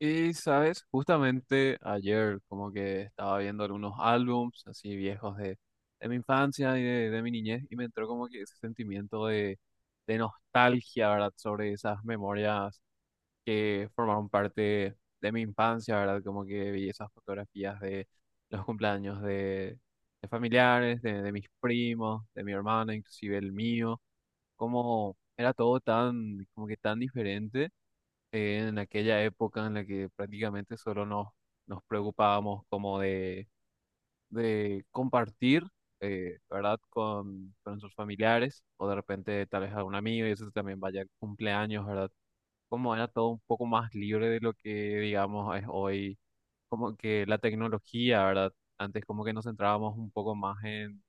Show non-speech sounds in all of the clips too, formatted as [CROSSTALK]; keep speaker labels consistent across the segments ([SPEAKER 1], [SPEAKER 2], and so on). [SPEAKER 1] Y sabes, justamente ayer como que estaba viendo algunos álbums así viejos de mi infancia y de mi niñez y me entró como que ese sentimiento de nostalgia, ¿verdad? Sobre esas memorias que formaron parte de mi infancia, ¿verdad? Como que vi esas fotografías de los cumpleaños de familiares, de mis primos, de mi hermana, inclusive el mío, como era todo tan, como que tan diferente en aquella época en la que prácticamente solo nos preocupábamos como de compartir, ¿verdad? Con nuestros familiares o de repente tal vez a un amigo y eso también vaya al cumpleaños, ¿verdad? Como era todo un poco más libre de lo que digamos es hoy, como que la tecnología, ¿verdad? Antes como que nos centrábamos un poco más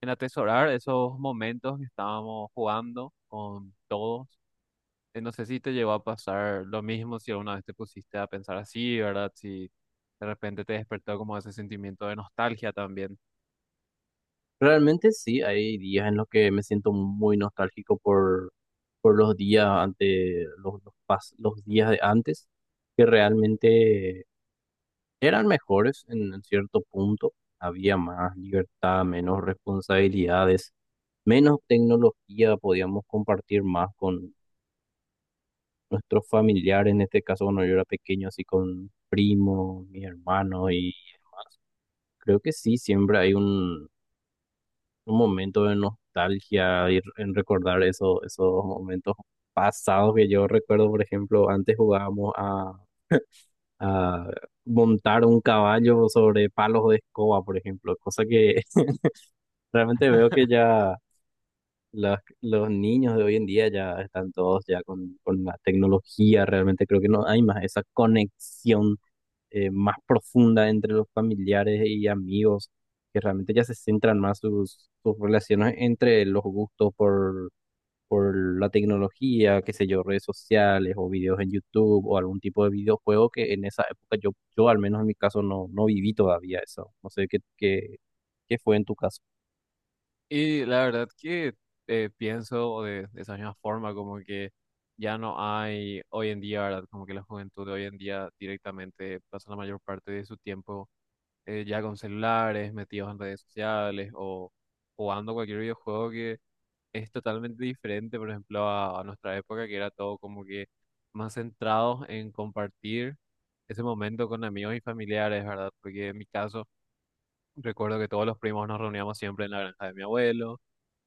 [SPEAKER 1] en atesorar esos momentos que estábamos jugando con todos no sé si te llegó a pasar lo mismo, si alguna vez te pusiste a pensar así, ¿verdad? Si de repente te despertó como ese sentimiento de nostalgia también.
[SPEAKER 2] Realmente sí, hay días en los que me siento muy nostálgico por los días de antes, que realmente eran mejores en cierto punto. Había más libertad, menos responsabilidades, menos tecnología, podíamos compartir más con nuestros familiares, en este caso cuando yo era pequeño, así con primos, mis hermanos, y creo que sí, siempre hay un momento de nostalgia y en recordar eso, esos momentos pasados que yo recuerdo, por ejemplo, antes jugábamos a montar un caballo sobre palos de escoba, por ejemplo, cosa que [LAUGHS] realmente veo que ya los niños de hoy en día ya están todos ya con la tecnología. Realmente creo que no hay más esa conexión más profunda entre los familiares y amigos, que realmente ya se centran más sus relaciones entre los gustos por la tecnología, qué sé yo, redes sociales o videos en YouTube o algún tipo de videojuego que en esa época yo al menos en mi caso no, no viví todavía eso. No sé qué fue en tu caso.
[SPEAKER 1] Y la verdad que pienso de esa misma forma, como que ya no hay hoy en día, ¿verdad? Como que la juventud de hoy en día directamente pasa la mayor parte de su tiempo ya con celulares, metidos en redes sociales o jugando cualquier videojuego que es totalmente diferente, por ejemplo, a nuestra época, que era todo como que más centrados en compartir ese momento con amigos y familiares, ¿verdad? Porque en mi caso, recuerdo que todos los primos nos reuníamos siempre en la granja de mi abuelo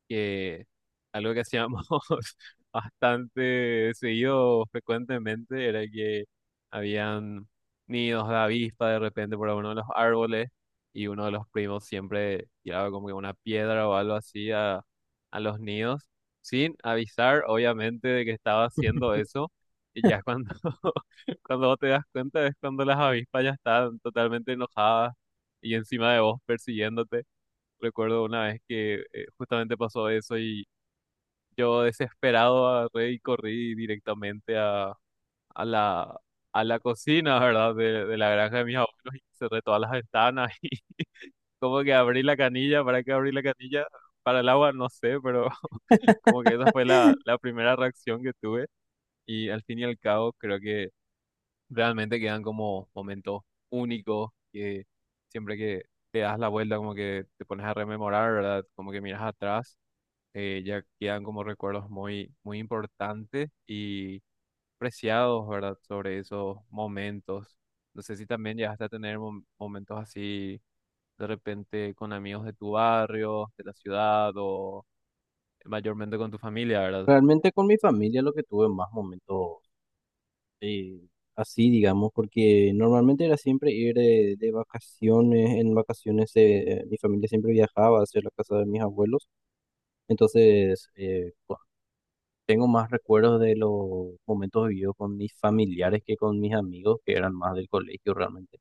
[SPEAKER 1] que algo que hacíamos [LAUGHS] bastante seguido, frecuentemente, era que habían nidos de avispa de repente por alguno de los árboles y uno de los primos siempre tiraba como que una piedra o algo así a los nidos, sin avisar, obviamente, de que estaba haciendo eso.
[SPEAKER 2] [LAUGHS]
[SPEAKER 1] Y ya cuando, [LAUGHS] cuando vos te das cuenta es cuando las avispas ya están totalmente enojadas y encima de vos persiguiéndote. Recuerdo una vez que justamente pasó eso y yo desesperado agarré y corrí directamente a la, a la cocina, ¿verdad? De la granja de mis abuelos y cerré todas las ventanas [LAUGHS] y como que abrí la canilla, ¿para qué abrí la canilla? Para el agua, no sé, pero [LAUGHS] como que esa fue la primera reacción que tuve y al fin y al cabo creo que realmente quedan como momentos únicos que siempre que te das la vuelta como que te pones a rememorar, ¿verdad? Como que miras atrás ya quedan como recuerdos muy importantes y preciados, ¿verdad? Sobre esos momentos. No sé si también llegaste a tener momentos así de repente con amigos de tu barrio, de la ciudad o mayormente con tu familia, ¿verdad?
[SPEAKER 2] Realmente con mi familia lo que tuve más momentos eh, así, digamos, porque normalmente era siempre ir de vacaciones, en vacaciones mi familia siempre viajaba hacia la casa de mis abuelos, entonces pues, tengo más recuerdos de los momentos vividos con mis familiares que con mis amigos, que eran más del colegio realmente.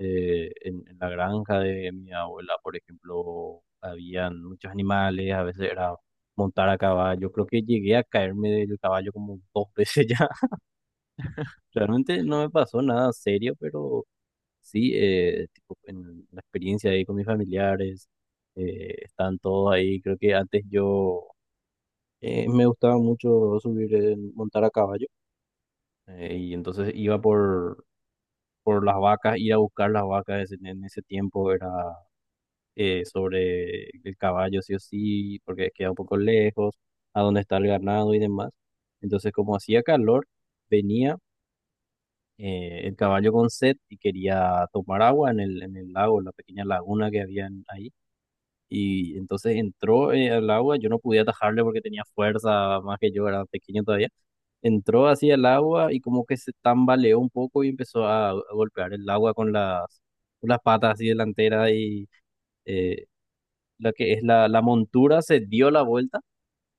[SPEAKER 2] En la granja de mi abuela, por ejemplo, habían muchos animales, a veces era montar a caballo, creo que llegué a caerme del caballo como dos veces [LAUGHS] ya. Realmente no me pasó nada serio, pero sí, tipo, en la experiencia ahí con mis familiares, están todos ahí. Creo que antes yo me gustaba mucho subir, montar a caballo, y entonces iba por las vacas, ir a buscar las vacas en ese tiempo era sobre el caballo, sí o sí, porque queda un poco lejos, a dónde está el ganado y demás. Entonces, como hacía calor, venía el caballo con sed y quería tomar agua en el lago, en la pequeña laguna que había ahí. Y entonces entró al agua, yo no podía atajarle porque tenía fuerza más que yo, era pequeño todavía. Entró así al agua y como que se tambaleó un poco y empezó a golpear el agua con las patas así delanteras y eh, la que es la montura se dio la vuelta.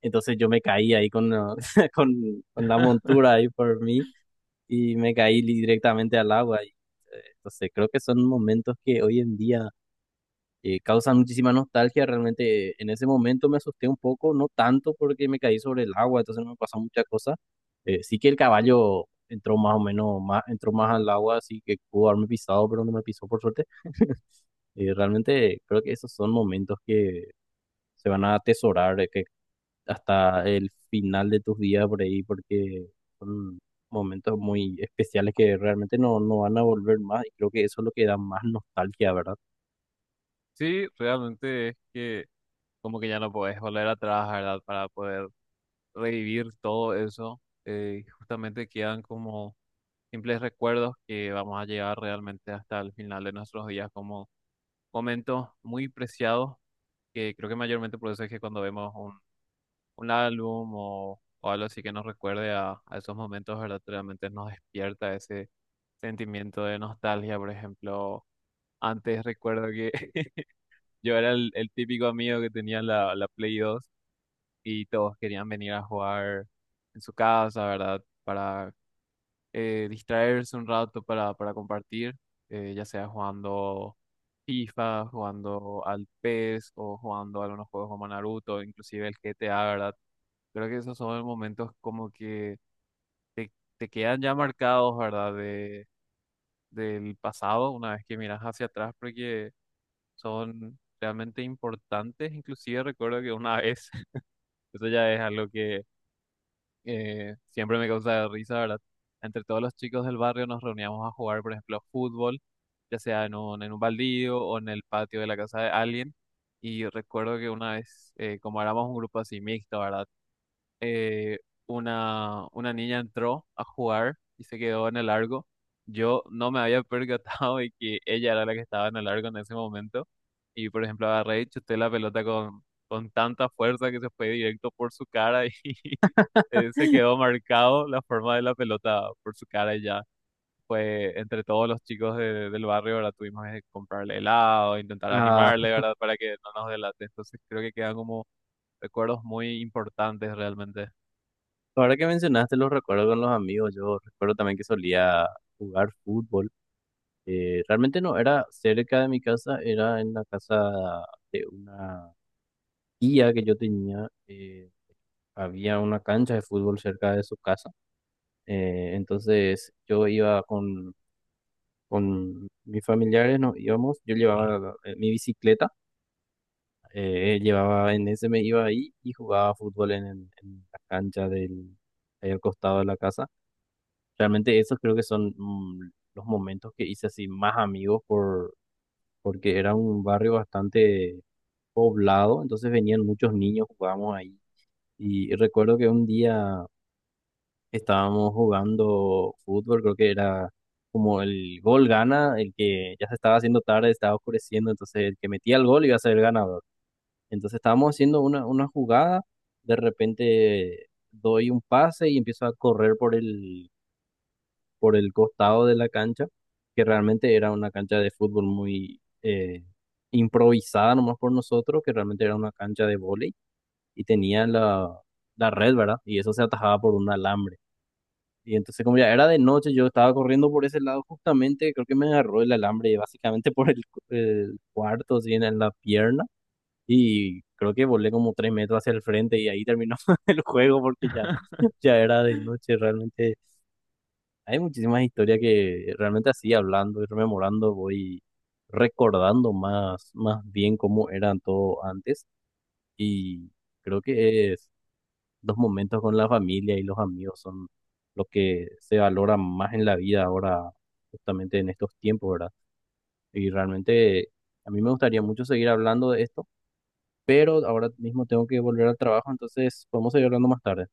[SPEAKER 2] Entonces yo me caí ahí [LAUGHS] con la montura ahí por mí y me caí directamente al agua. Y, entonces creo que son momentos que hoy en día causan muchísima nostalgia. Realmente en ese momento me asusté un poco, no tanto porque me caí sobre el agua, entonces no me pasó muchas cosas. Sí que el caballo entró más o menos, más, entró más al agua, así que pudo haberme pisado, pero no me pisó por suerte. Realmente creo que esos son momentos que se van a atesorar, que hasta el final de tus días por ahí, porque son momentos muy especiales que realmente no, no van a volver más y creo que eso es lo que da más nostalgia, ¿verdad?
[SPEAKER 1] Sí, realmente es que como que ya no podés volver atrás, ¿verdad? Para poder revivir todo eso. Justamente quedan como simples recuerdos que vamos a llevar realmente hasta el final de nuestros días como momentos muy preciados, que creo que mayormente por eso es que cuando vemos un álbum o algo así que nos recuerde a esos momentos, ¿verdad? Realmente nos despierta ese sentimiento de nostalgia, por ejemplo. Antes recuerdo que [LAUGHS] yo era el típico amigo que tenía la Play 2 y todos querían venir a jugar en su casa, ¿verdad? Para distraerse un rato para compartir, ya sea jugando FIFA, jugando al PES o jugando algunos juegos como Naruto, inclusive el GTA, ¿verdad? Creo que esos son momentos como que te, te quedan ya marcados, ¿verdad? Del pasado, una vez que miras hacia atrás, porque son realmente importantes. Inclusive recuerdo que una vez, [LAUGHS] eso ya es algo que siempre me causa risa, ¿verdad? Entre todos los chicos del barrio nos reuníamos a jugar, por ejemplo, fútbol, ya sea en en un baldío o en el patio de la casa de alguien. Y recuerdo que una vez, como éramos un grupo así mixto, ¿verdad? Eh, una niña entró a jugar y se quedó en el largo. Yo no me había [LAUGHS] percatado de que ella era la que estaba en el largo en ese momento. Y, por ejemplo, agarré y chuté la pelota con tanta fuerza que se fue directo por su cara y [LAUGHS] se quedó marcado la forma de la pelota por su cara y ya. Fue entre todos los chicos del barrio, ¿verdad? Tuvimos que comprarle helado, intentar
[SPEAKER 2] Ah,
[SPEAKER 1] animarle, ¿verdad? Para que no nos delate. Entonces creo que quedan como recuerdos muy importantes realmente.
[SPEAKER 2] ahora que mencionaste los recuerdos con los amigos, yo recuerdo también que solía jugar fútbol. Realmente no era cerca de mi casa, era en la casa de una tía que yo tenía. Había una cancha de fútbol cerca de su casa. Entonces yo iba con mis familiares, nos íbamos, yo llevaba mi bicicleta, llevaba en ese me iba ahí y jugaba fútbol en la cancha del, ahí al costado de la casa. Realmente esos creo que son los momentos que hice así más amigos porque era un barrio bastante poblado, entonces venían muchos niños, jugábamos ahí. Y recuerdo que un día estábamos jugando fútbol, creo que era como el gol gana, el que ya se estaba haciendo tarde, estaba oscureciendo, entonces el que metía el gol iba a ser el ganador. Entonces estábamos haciendo una jugada, de repente doy un pase y empiezo a correr por el costado de la cancha, que realmente era una cancha de fútbol muy improvisada nomás por nosotros, que realmente era una cancha de vóley y tenía la red, ¿verdad? Y eso se atajaba por un alambre. Y entonces como ya era de noche, yo estaba corriendo por ese lado justamente, creo que me agarró el alambre básicamente por el cuarto, así en la pierna. Y creo que volé como 3 metros hacia el frente y ahí terminó [LAUGHS] el juego porque ya, ya era de noche. Realmente hay muchísimas historias que realmente así hablando y rememorando voy recordando más, más bien cómo eran todo antes y creo que es los momentos con la familia y los amigos son lo que se valora más en la vida ahora, justamente en estos tiempos, ¿verdad? Y realmente a mí me gustaría mucho seguir hablando de esto, pero ahora mismo tengo que volver al trabajo, entonces podemos seguir hablando más tarde.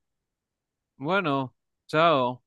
[SPEAKER 1] Bueno, chao.